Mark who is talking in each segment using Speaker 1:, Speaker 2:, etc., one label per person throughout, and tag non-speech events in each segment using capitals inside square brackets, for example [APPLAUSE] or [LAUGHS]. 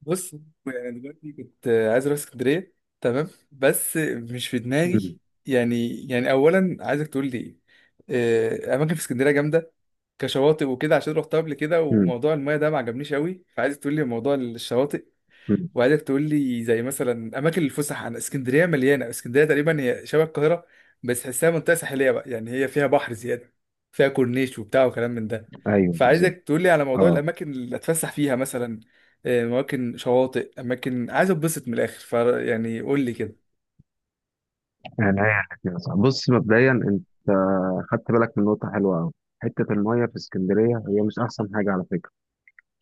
Speaker 1: بص، يعني انا دلوقتي كنت عايز اروح اسكندريه، تمام، بس مش في دماغي.
Speaker 2: مم.
Speaker 1: يعني اولا عايزك تقول لي إيه؟ اماكن في اسكندريه جامده، كشواطئ وكده، عشان رحتها قبل كده
Speaker 2: مم.
Speaker 1: وموضوع المايه ده ما عجبنيش قوي، فعايزك تقول لي موضوع الشواطئ.
Speaker 2: مم.
Speaker 1: وعايزك تقول لي زي مثلا اماكن الفسح، عن اسكندريه مليانه، اسكندريه تقريبا هي شبه القاهره، بس تحسها منطقه ساحليه بقى، يعني هي فيها بحر زياده، فيها كورنيش وبتاع وكلام من ده.
Speaker 2: ايوه بالظبط،
Speaker 1: فعايزك تقول لي على موضوع
Speaker 2: اه
Speaker 1: الاماكن اللي اتفسح فيها مثلا، اماكن شواطئ، اماكن عايز اتبسط من الاخر، يعني قول لي كده.
Speaker 2: يعني هي كده صح. بص مبدئيا انت خدت بالك من نقطه حلوه قوي. حته الميه في اسكندريه هي مش احسن حاجه على فكره.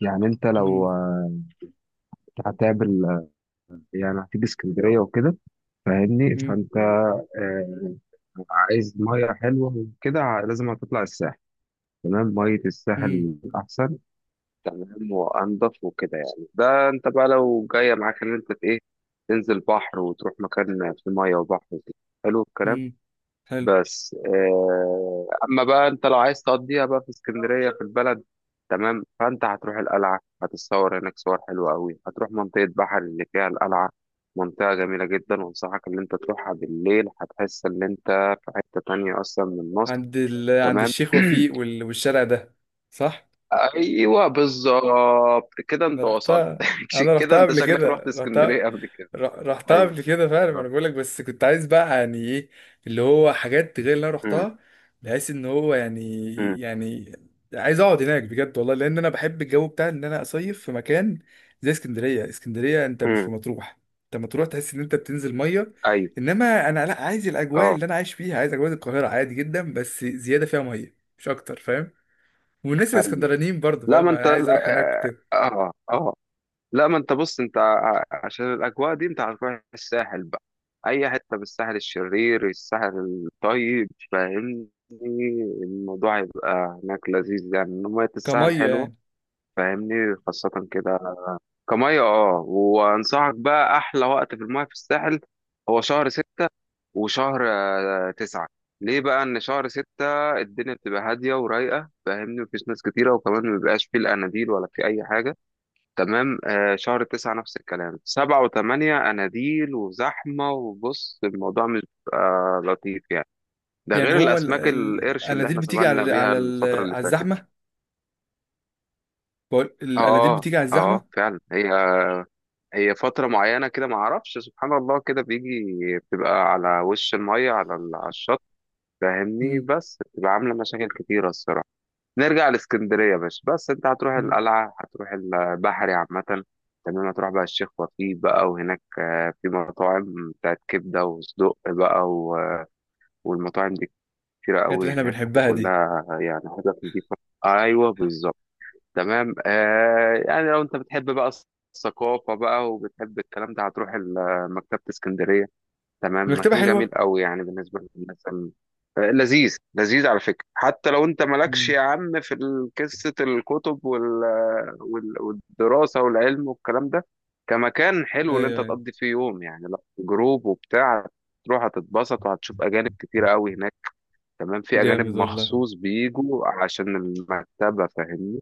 Speaker 2: يعني انت لو
Speaker 1: مم.
Speaker 2: هتقابل يعني هتيجي اسكندريه وكده، فاهمني؟
Speaker 1: مم.
Speaker 2: فانت آه، عايز ميه حلوه وكده، لازم هتطلع الساحل. تمام، ميه
Speaker 1: مم.
Speaker 2: الساحل احسن. تمام وانضف وكده. يعني ده انت بقى لو جايه معاك ان انت ايه، تنزل بحر وتروح مكان في ميه وبحر وكده. حلو الكلام.
Speaker 1: مم. حلو.
Speaker 2: بس اما بقى انت لو عايز تقضيها بقى في اسكندريه في البلد. تمام، فانت هتروح القلعه، هتتصور هناك صور حلوه قوي، هتروح منطقه بحر اللي فيها القلعه. منطقه جميله جدا، وانصحك ان انت تروحها بالليل، هتحس ان انت في حته تانية اصلا من مصر.
Speaker 1: عند
Speaker 2: تمام.
Speaker 1: الشيخ وفيق والشارع ده. صح.
Speaker 2: [CLEARS THROAT] ايوه بالظبط كده
Speaker 1: انا
Speaker 2: انت وصلت.
Speaker 1: رحتها، انا
Speaker 2: [LAUGHS] كده
Speaker 1: رحتها
Speaker 2: انت
Speaker 1: قبل
Speaker 2: شكلك رحت
Speaker 1: كده،
Speaker 2: اسكندريه
Speaker 1: رحتها،
Speaker 2: قبل كده؟
Speaker 1: رحتها
Speaker 2: ايوه.
Speaker 1: قبل كده فعلا،
Speaker 2: آه.
Speaker 1: انا بقول لك، بس كنت عايز بقى يعني ايه، اللي هو حاجات غير اللي انا
Speaker 2: مم.
Speaker 1: رحتها، بحيث ان هو يعني،
Speaker 2: مم.
Speaker 1: يعني عايز اقعد هناك بجد والله، لان انا بحب الجو بتاع ان انا اصيف في مكان زي اسكندريه. اسكندريه انت مش
Speaker 2: مم.
Speaker 1: في مطروح، انت مطروح تحس ان انت بتنزل ميه،
Speaker 2: ايوه.
Speaker 1: انما انا لا، عايز الاجواء
Speaker 2: اه.
Speaker 1: اللي انا عايش فيها، عايز اجواء القاهره عادي جدا، بس زياده فيها ميه مش اكتر، فاهم؟ والناس
Speaker 2: ايوه.
Speaker 1: الاسكندرانيين برضه،
Speaker 2: لا
Speaker 1: فاهم؟
Speaker 2: ما انت
Speaker 1: انا عايز اروح هناك
Speaker 2: اه.
Speaker 1: وكده.
Speaker 2: اه آه. لا ما انت بص، انت عشان الاجواء دي انت هتروح الساحل بقى. اي حته بالساحل، الشرير الساحل الطيب، فاهمني؟ الموضوع هيبقى هناك لذيذ يعني، إن ميه الساحل
Speaker 1: كميه
Speaker 2: حلوه،
Speaker 1: يعني.
Speaker 2: فاهمني؟ خاصه كده، كميه. اه وانصحك بقى، احلى وقت في الميه في الساحل هو شهر 6 وشهر تسعة. ليه بقى؟ ان شهر 6 الدنيا بتبقى هاديه ورايقه، فاهمني؟ مفيش ناس كتيره، وكمان مبيبقاش فيه الاناديل ولا فيه اي حاجه. تمام. شهر 9 نفس الكلام. 7 و8 أناديل وزحمة، وبص الموضوع مش بيبقى لطيف يعني. ده
Speaker 1: يعني
Speaker 2: غير
Speaker 1: هو
Speaker 2: الأسماك القرش اللي
Speaker 1: الاناديل
Speaker 2: احنا
Speaker 1: بتيجي
Speaker 2: سافرنا
Speaker 1: على
Speaker 2: بيها
Speaker 1: على
Speaker 2: الفترة اللي
Speaker 1: على
Speaker 2: فاتت.
Speaker 1: الزحمه. بقول الاناديل
Speaker 2: اه. اه.
Speaker 1: بتيجي على الزحمه.
Speaker 2: فعلا هي، هي فترة معينة كده، ما اعرفش، سبحان الله كده بيجي. بتبقى على وش المية، على على الشط، فاهمني؟
Speaker 1: مم.
Speaker 2: بس بتبقى عاملة مشاكل كتيرة الصراحة. نرجع لاسكندرية يا باشا. بس انت هتروح
Speaker 1: مم.
Speaker 2: القلعة، هتروح البحري عامة. تمام، هتروح بقى الشيخ وفيق بقى، وهناك في مطاعم بتاعت كبدة وصدق بقى والمطاعم دي كتيرة
Speaker 1: الحاجات اللي
Speaker 2: قوي
Speaker 1: احنا
Speaker 2: هناك،
Speaker 1: بنحبها دي.
Speaker 2: وكلها يعني حاجات نضيفة. ايوه بالظبط. تمام يعني لو انت بتحب بقى الثقافة بقى وبتحب الكلام ده، هتروح مكتبة اسكندرية. تمام،
Speaker 1: المكتبه
Speaker 2: مكان جميل
Speaker 1: حلوه.
Speaker 2: قوي يعني بالنسبة للناس لذيذ. لذيذ على فكرة. حتى لو انت مالكش
Speaker 1: مم.
Speaker 2: يا عم في قصة الكتب والدراسة والعلم والكلام ده، كمكان حلو اللي انت
Speaker 1: ايوه، ايوه.
Speaker 2: تقضي فيه يوم يعني، لا جروب وبتاع. تروح هتتبسط، وهتشوف أجانب كتيرة قوي هناك. تمام، في أجانب
Speaker 1: جامد والله،
Speaker 2: مخصوص بيجوا عشان المكتبة، فاهمني؟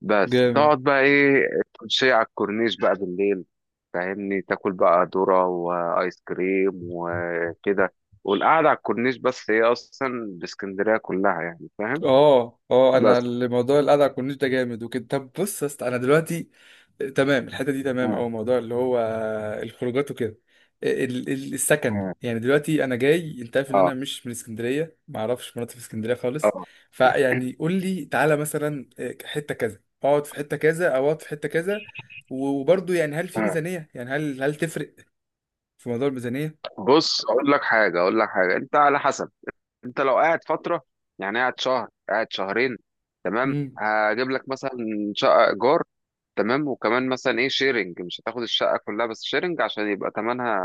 Speaker 2: بس
Speaker 1: جامد.
Speaker 2: تقعد بقى ايه، تمشي على الكورنيش بقى بالليل، فاهمني؟ تاكل بقى ذرة وايس كريم وكده. والقعدة على الكورنيش بس، هي اصلا باسكندرية كلها يعني، فاهم؟
Speaker 1: اه، اه، انا
Speaker 2: بس.
Speaker 1: الموضوع الكورنيش ده جامد وكده. طب بص يا اسطى، انا دلوقتي تمام، الحته دي تمام،
Speaker 2: مم.
Speaker 1: او موضوع اللي هو الخروجات وكده، السكن،
Speaker 2: مم.
Speaker 1: يعني دلوقتي انا جاي، انت عارف ان
Speaker 2: اه.
Speaker 1: انا مش من اسكندريه، ما اعرفش مناطق في اسكندريه خالص.
Speaker 2: اه.
Speaker 1: فيعني قول لي تعالى مثلا حته كذا، اقعد في حته كذا او اقعد في حته كذا. وبرضه يعني، هل في
Speaker 2: مم.
Speaker 1: ميزانيه؟ يعني، هل تفرق في موضوع الميزانيه؟
Speaker 2: بص اقول لك حاجة، اقول لك حاجة، انت على حسب. انت لو قاعد فترة، يعني قاعد شهر قاعد شهرين، تمام.
Speaker 1: امم
Speaker 2: هجيب لك مثلا شقة ايجار، تمام. وكمان مثلا ايه شيرنج، مش هتاخد الشقة كلها بس شيرنج عشان يبقى تمنها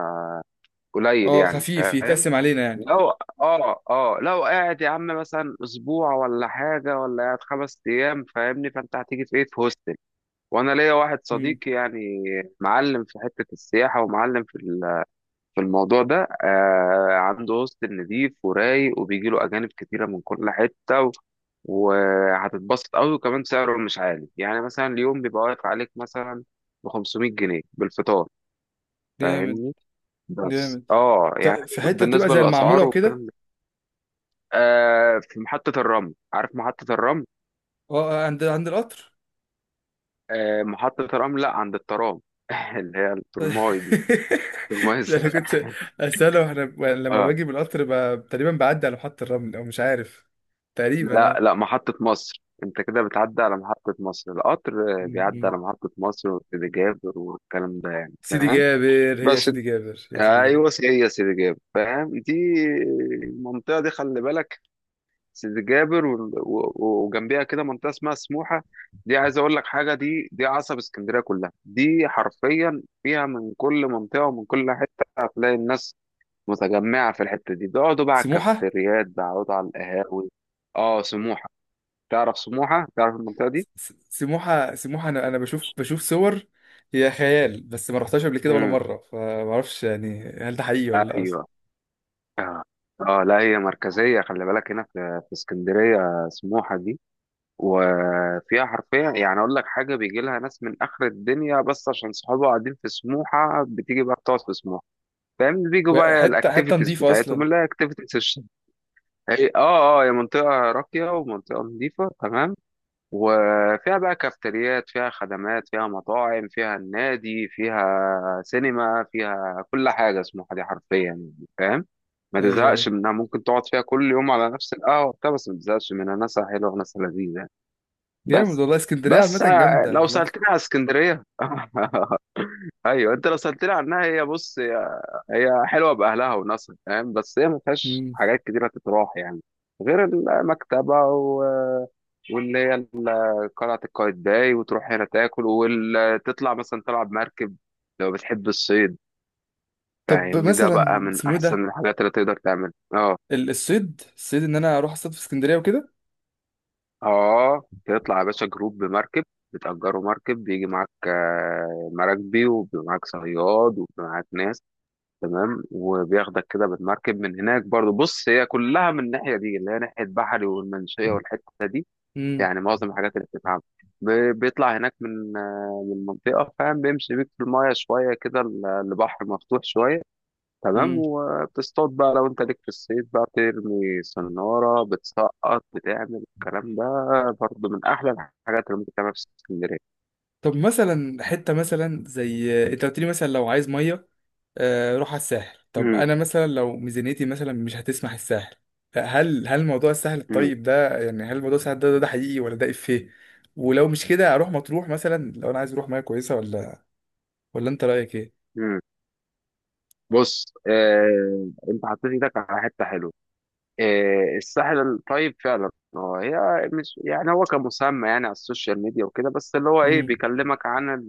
Speaker 2: قليل
Speaker 1: اه،
Speaker 2: يعني،
Speaker 1: خفيف
Speaker 2: فاهم؟
Speaker 1: يتقسم علينا يعني.
Speaker 2: لو اه لو قاعد يا عم مثلا اسبوع ولا حاجه، ولا قاعد 5 ايام، فاهمني؟ فانت هتيجي في ايه، في هوستل. وانا ليا واحد
Speaker 1: امم
Speaker 2: صديقي يعني معلم في حته السياحه ومعلم في في الموضوع ده، عنده هوستل نضيف ورايق، وبيجي له اجانب كتيره من كل حته وهتتبسط قوي. وكمان سعره مش عالي يعني، مثلا اليوم بيبقى واقف عليك مثلا ب 500 جنيه بالفطار،
Speaker 1: جامد،
Speaker 2: فاهمني؟ بس
Speaker 1: جامد.
Speaker 2: اه يعني،
Speaker 1: في حته بتبقى
Speaker 2: بالنسبة
Speaker 1: زي المعموره
Speaker 2: للأسعار
Speaker 1: وكده.
Speaker 2: والكلام ده في محطة الرمل، عارف محطة الرمل؟
Speaker 1: اه، عند القطر.
Speaker 2: محطة الرمل، لا عند الترام. [LAUGHS] اللي هي الترماي دي، الترماي
Speaker 1: [LAUGHS] ده انا
Speaker 2: الزرق.
Speaker 1: كنت اساله، واحنا لما
Speaker 2: اه.
Speaker 1: باجي بالقطر تقريبا بعدي على محطه الرمل او مش عارف، تقريبا
Speaker 2: لا
Speaker 1: اه.
Speaker 2: لا محطة مصر، انت كده بتعدي على محطة مصر. القطر
Speaker 1: م-
Speaker 2: بيعدي
Speaker 1: م.
Speaker 2: على محطة مصر وسيدي جابر والكلام ده يعني،
Speaker 1: سيدي
Speaker 2: فاهم؟
Speaker 1: جابر، هي
Speaker 2: بس انت-
Speaker 1: سيدي جابر، هي سيدي جابر؟
Speaker 2: ايوه، هي سيدي جابر، فاهم دي؟ المنطقة دي خلي بالك، سيدي جابر و وجنبيها كده منطقه اسمها سموحه. دي عايز اقول لك حاجه، دي عصب اسكندريه كلها، دي حرفيا فيها من كل منطقه ومن كل حته، هتلاقي الناس متجمعه في الحته دي، بيقعدوا بقى على
Speaker 1: سموحه.
Speaker 2: الكافيتريات، بيقعدوا على القهاوي. اه سموحه، تعرف سموحه؟ تعرف المنطقه دي؟
Speaker 1: سموحه، سموحه، انا بشوف صور. هي خيال، بس ما رحتهاش قبل كده ولا
Speaker 2: امم.
Speaker 1: مره، فما اعرفش يعني، هل ده حقيقي ولا لا اصلا؟
Speaker 2: ايوه. اه. لا هي مركزيه خلي بالك هنا في في اسكندريه سموحه دي. وفيها حرفيا يعني، اقول لك حاجه، بيجي لها ناس من اخر الدنيا، بس عشان صحابها قاعدين في سموحه بتيجي بقى بتقعد في سموحه، فاهم؟ بيجوا بقى
Speaker 1: حته، حته
Speaker 2: الاكتيفيتيز
Speaker 1: نظيفه
Speaker 2: بتاعتهم
Speaker 1: اصلا؟
Speaker 2: اللي هي اكتيفيتيز الشتاء. هي منطقه راقيه ومنطقه نظيفه، تمام. وفيها بقى كافتريات، فيها خدمات، فيها مطاعم، فيها النادي، فيها سينما، فيها كل حاجه. سموحه دي حرفيا يعني، فاهم؟ ما
Speaker 1: ايوه، ايوه.
Speaker 2: تزهقش منها، ممكن تقعد فيها كل يوم على نفس القهوه بتاع بس ما تزهقش منها، ناسها حلوه وناسها لذيذه.
Speaker 1: جامد
Speaker 2: بس.
Speaker 1: والله، اسكندريه عامه
Speaker 2: بس
Speaker 1: جامده.
Speaker 2: لو سألتني على اسكندرية، [LAUGHS] ايوه انت لو سألتني عنها، هي بص، هي هي حلوة بأهلها وناسها، فاهم؟ بس هي ما فيهاش
Speaker 1: والله.
Speaker 2: حاجات كتيرة تتراح يعني، غير المكتبة واللي هي قلعة قايتباي، وتروح هنا تاكل وتطلع مثلا تلعب مركب لو بتحب الصيد،
Speaker 1: طب
Speaker 2: فاهمني؟ ده بقى
Speaker 1: مثلا
Speaker 2: من
Speaker 1: اسمه إيه
Speaker 2: أحسن
Speaker 1: ده؟
Speaker 2: الحاجات اللي تقدر تعملها. اه.
Speaker 1: الصيد، الصيد ان انا اروح اصطاد في اسكندريه وكده؟
Speaker 2: اه، تطلع يا باشا جروب بمركب، بتأجروا مركب، بيجي معاك مراكبي وبيبقى معاك صياد وبيبقى معاك ناس، تمام. وبياخدك كده بالمركب من هناك برضو. بص هي كلها من الناحية دي اللي هي ناحية بحري والمنشية والحتة دي،
Speaker 1: امم
Speaker 2: يعني معظم الحاجات اللي بتتعمل ب- بيطلع هناك من من المنطقة، فاهم؟ بيمشي بيك في المايه شوية كده، البحر مفتوح شوية، تمام.
Speaker 1: امم
Speaker 2: وبتصطاد بقى لو انت ليك في الصيد بقى، ترمي صنارة بتسقط، بتعمل الكلام ده. برضه من أحلى الحاجات اللي ممكن تعملها في اسكندرية.
Speaker 1: طب مثلا حته مثلا، زي انت قلت لي مثلا لو عايز ميه روح على الساحل. طب
Speaker 2: مم،
Speaker 1: انا مثلا لو ميزانيتي مثلا مش هتسمح الساحل، هل موضوع الساحل
Speaker 2: مم،
Speaker 1: الطيب ده، يعني هل موضوع الساحل ده ده حقيقي ولا ده افيه؟ ولو مش كده اروح مطروح مثلا لو انا عايز اروح ميه كويسه، ولا انت رايك ايه؟
Speaker 2: مم. بص انت حطيت ايدك على حتة حلوة. الساحل الطيب فعلا. هو هي مش يعني، هو كمسمى يعني على السوشيال ميديا وكده، بس اللي هو ايه،
Speaker 1: امم
Speaker 2: بيكلمك عن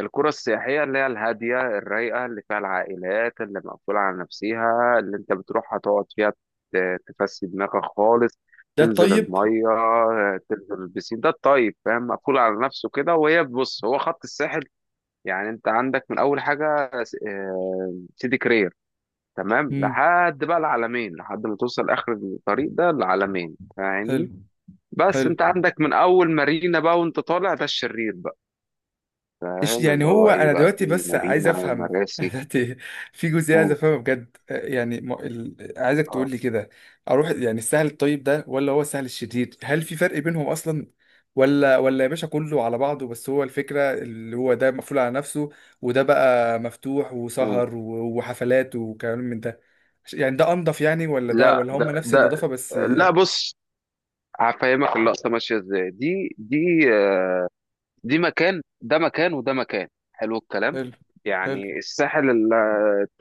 Speaker 2: القرى السياحية اللي هي الهادية الرايقة اللي فيها العائلات اللي مقفولة على نفسها، اللي انت بتروحها تقعد فيها تفسي دماغك خالص.
Speaker 1: ده
Speaker 2: تنزل
Speaker 1: الطيب.
Speaker 2: المية، تنزل البسين. ده الطيب، فاهم؟ مقفول على نفسه كده. وهي بص هو خط الساحل، يعني انت عندك من اول حاجة سيدي كرير تمام،
Speaker 1: امم
Speaker 2: لحد بقى العلمين، لحد ما توصل اخر الطريق ده العلمين، فاهمني؟
Speaker 1: حلو،
Speaker 2: بس
Speaker 1: حلو.
Speaker 2: انت عندك من اول مارينا بقى وانت طالع ده الشرير بقى،
Speaker 1: إيش
Speaker 2: فاهم؟
Speaker 1: يعني؟
Speaker 2: اللي هو
Speaker 1: هو
Speaker 2: ايه
Speaker 1: انا
Speaker 2: بقى،
Speaker 1: دلوقتي
Speaker 2: في
Speaker 1: بس عايز
Speaker 2: مارينا
Speaker 1: افهم [LAUGHS]
Speaker 2: مراسي.
Speaker 1: دلوقتي، في جزئيه عايز
Speaker 2: مم.
Speaker 1: افهمها بجد، يعني عايزك
Speaker 2: اه.
Speaker 1: تقول لي كده، اروح يعني السهل الطيب ده ولا هو السهل الشديد؟ هل في فرق بينهم اصلا، ولا يا باشا كله على بعضه؟ بس هو الفكره اللي هو ده مقفول على نفسه، وده بقى مفتوح
Speaker 2: مم.
Speaker 1: وسهر وحفلات وكلام من ده. يعني ده انضف يعني، ولا ده؟
Speaker 2: لا
Speaker 1: ولا هم
Speaker 2: ده
Speaker 1: نفس
Speaker 2: ده
Speaker 1: النظافه بس؟
Speaker 2: لا بص هفهمك اللقطه ماشيه ازاي. دي مكان، ده مكان، وده مكان. حلو الكلام.
Speaker 1: حلو، حلو،
Speaker 2: يعني الساحل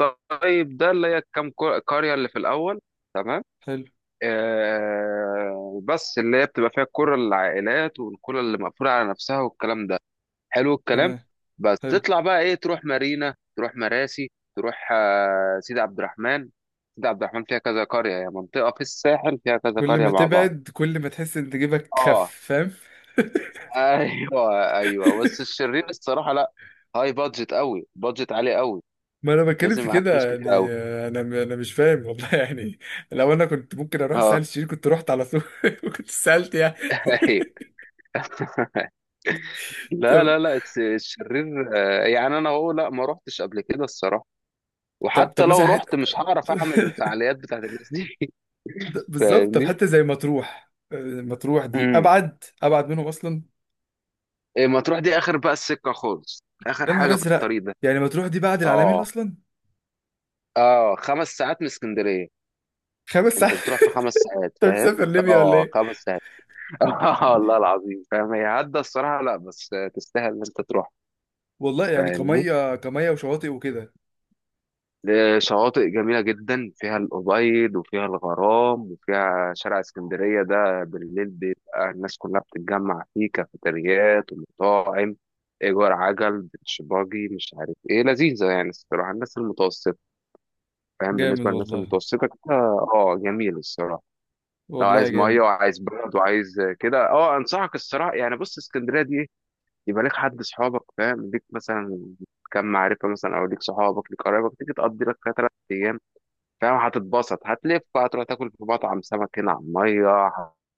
Speaker 2: الطيب ده اللي هي كام قريه اللي في الاول، تمام.
Speaker 1: حلو،
Speaker 2: بس اللي هي بتبقى فيها الكره للعائلات والكره اللي مقفوله على نفسها والكلام ده. حلو الكلام.
Speaker 1: تمام،
Speaker 2: بس
Speaker 1: حلو.
Speaker 2: تطلع بقى ايه، تروح مارينا، تروح مراسي، تروح سيدي عبد الرحمن. سيدي عبد الرحمن فيها كذا قرية، هي منطقة في الساحل فيها كذا
Speaker 1: كل
Speaker 2: قرية
Speaker 1: ما
Speaker 2: مع بعض.
Speaker 1: تبعد كل ما تحس ان جيبك خف،
Speaker 2: اه
Speaker 1: فاهم؟
Speaker 2: ايوه، ايوه بس الشرير الصراحة لا، هاي بادجت قوي، بادجت عالي قوي.
Speaker 1: ما انا بتكلم
Speaker 2: لازم
Speaker 1: في
Speaker 2: معاك فلوس
Speaker 1: كده
Speaker 2: كتير
Speaker 1: يعني،
Speaker 2: قوي.
Speaker 1: انا مش فاهم والله [LAUGHS] يعني. لو انا كنت ممكن اروح
Speaker 2: اه.
Speaker 1: الساحل الشرير كنت رحت على طول، [LAUGHS] وكنت سالت يعني.
Speaker 2: [LAUGHS] أيوة. لا
Speaker 1: طب،
Speaker 2: لا لا الشرير، يعني انا هو لا ما روحتش قبل كده الصراحة.
Speaker 1: طب، طب
Speaker 2: وحتى
Speaker 1: مثلا
Speaker 2: لو رحت مش هعرف اعمل
Speaker 1: [LAUGHS]
Speaker 2: الفعاليات بتاعت الناس دي. [LAUGHS]
Speaker 1: بالظبط، طب
Speaker 2: فاهمني.
Speaker 1: حتى زي مطروح، مطروح دي ابعد، ابعد منهم اصلا؟
Speaker 2: إيه، مطروح دي اخر بقى السكه خالص، اخر
Speaker 1: يا نهار
Speaker 2: حاجه في
Speaker 1: ازرق،
Speaker 2: الطريق ده.
Speaker 1: يعني مطروح دي بعد العالمين
Speaker 2: اه.
Speaker 1: اصلا؟
Speaker 2: اه، 5 ساعات من اسكندريه،
Speaker 1: 5 ساعات؟
Speaker 2: انت بتروح في
Speaker 1: [LAUGHS]
Speaker 2: 5 ساعات،
Speaker 1: انت
Speaker 2: فاهم؟
Speaker 1: مسافر ليبيا ولا
Speaker 2: اه
Speaker 1: ايه؟
Speaker 2: خمس ساعات. [LAUGHS] اه والله العظيم، فاهم؟ هي عدى الصراحه لا، بس تستاهل ان انت تروح،
Speaker 1: والله يعني
Speaker 2: فاهمني؟
Speaker 1: كميه، كميه، وشواطئ وكده.
Speaker 2: شواطئ جميله جدا، فيها الابيض وفيها الغرام، وفيها شارع اسكندريه ده بالليل بيبقى الناس كلها بتتجمع فيه، كافيتريات ومطاعم، ايجار عجل بيتش باجي مش عارف ايه، لذيذه يعني الصراحه، الناس المتوسطه، فاهم؟
Speaker 1: جامد
Speaker 2: بالنسبة للناس
Speaker 1: والله.
Speaker 2: المتوسطة كده اه جميل الصراحة. لو
Speaker 1: والله
Speaker 2: عايز مية
Speaker 1: جامد.
Speaker 2: وعايز برد وعايز كده اه، انصحك الصراحة يعني. بص اسكندرية دي إيه؟ يبقى ليك حد صحابك، فاهم؟ ليك مثلا كم معرفة، مثلا او ليك صحابك، ليك قرايبك، تيجي تقضي لك فيها 3 ايام، فاهم؟ هتتبسط، هتلف، هتروح تاكل في مطعم سمك هنا على المية،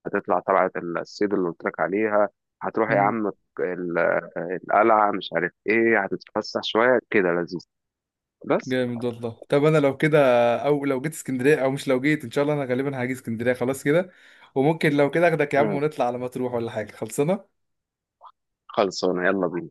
Speaker 2: هتطلع طلعة الصيد اللي قلت لك عليها، هتروح يا عم ال- القلعة، مش عارف ايه، هتتفسح شوية كده، لذيذ. بس.
Speaker 1: جامد والله. طب انا لو كده، او لو جيت اسكندريه، او مش لو جيت، ان شاء الله انا غالبا هاجي اسكندريه خلاص كده، وممكن لو كده اخدك يا عم
Speaker 2: مم.
Speaker 1: ونطلع على مطروح ولا حاجه. خلصنا؟
Speaker 2: خلصانة، يلا بينا.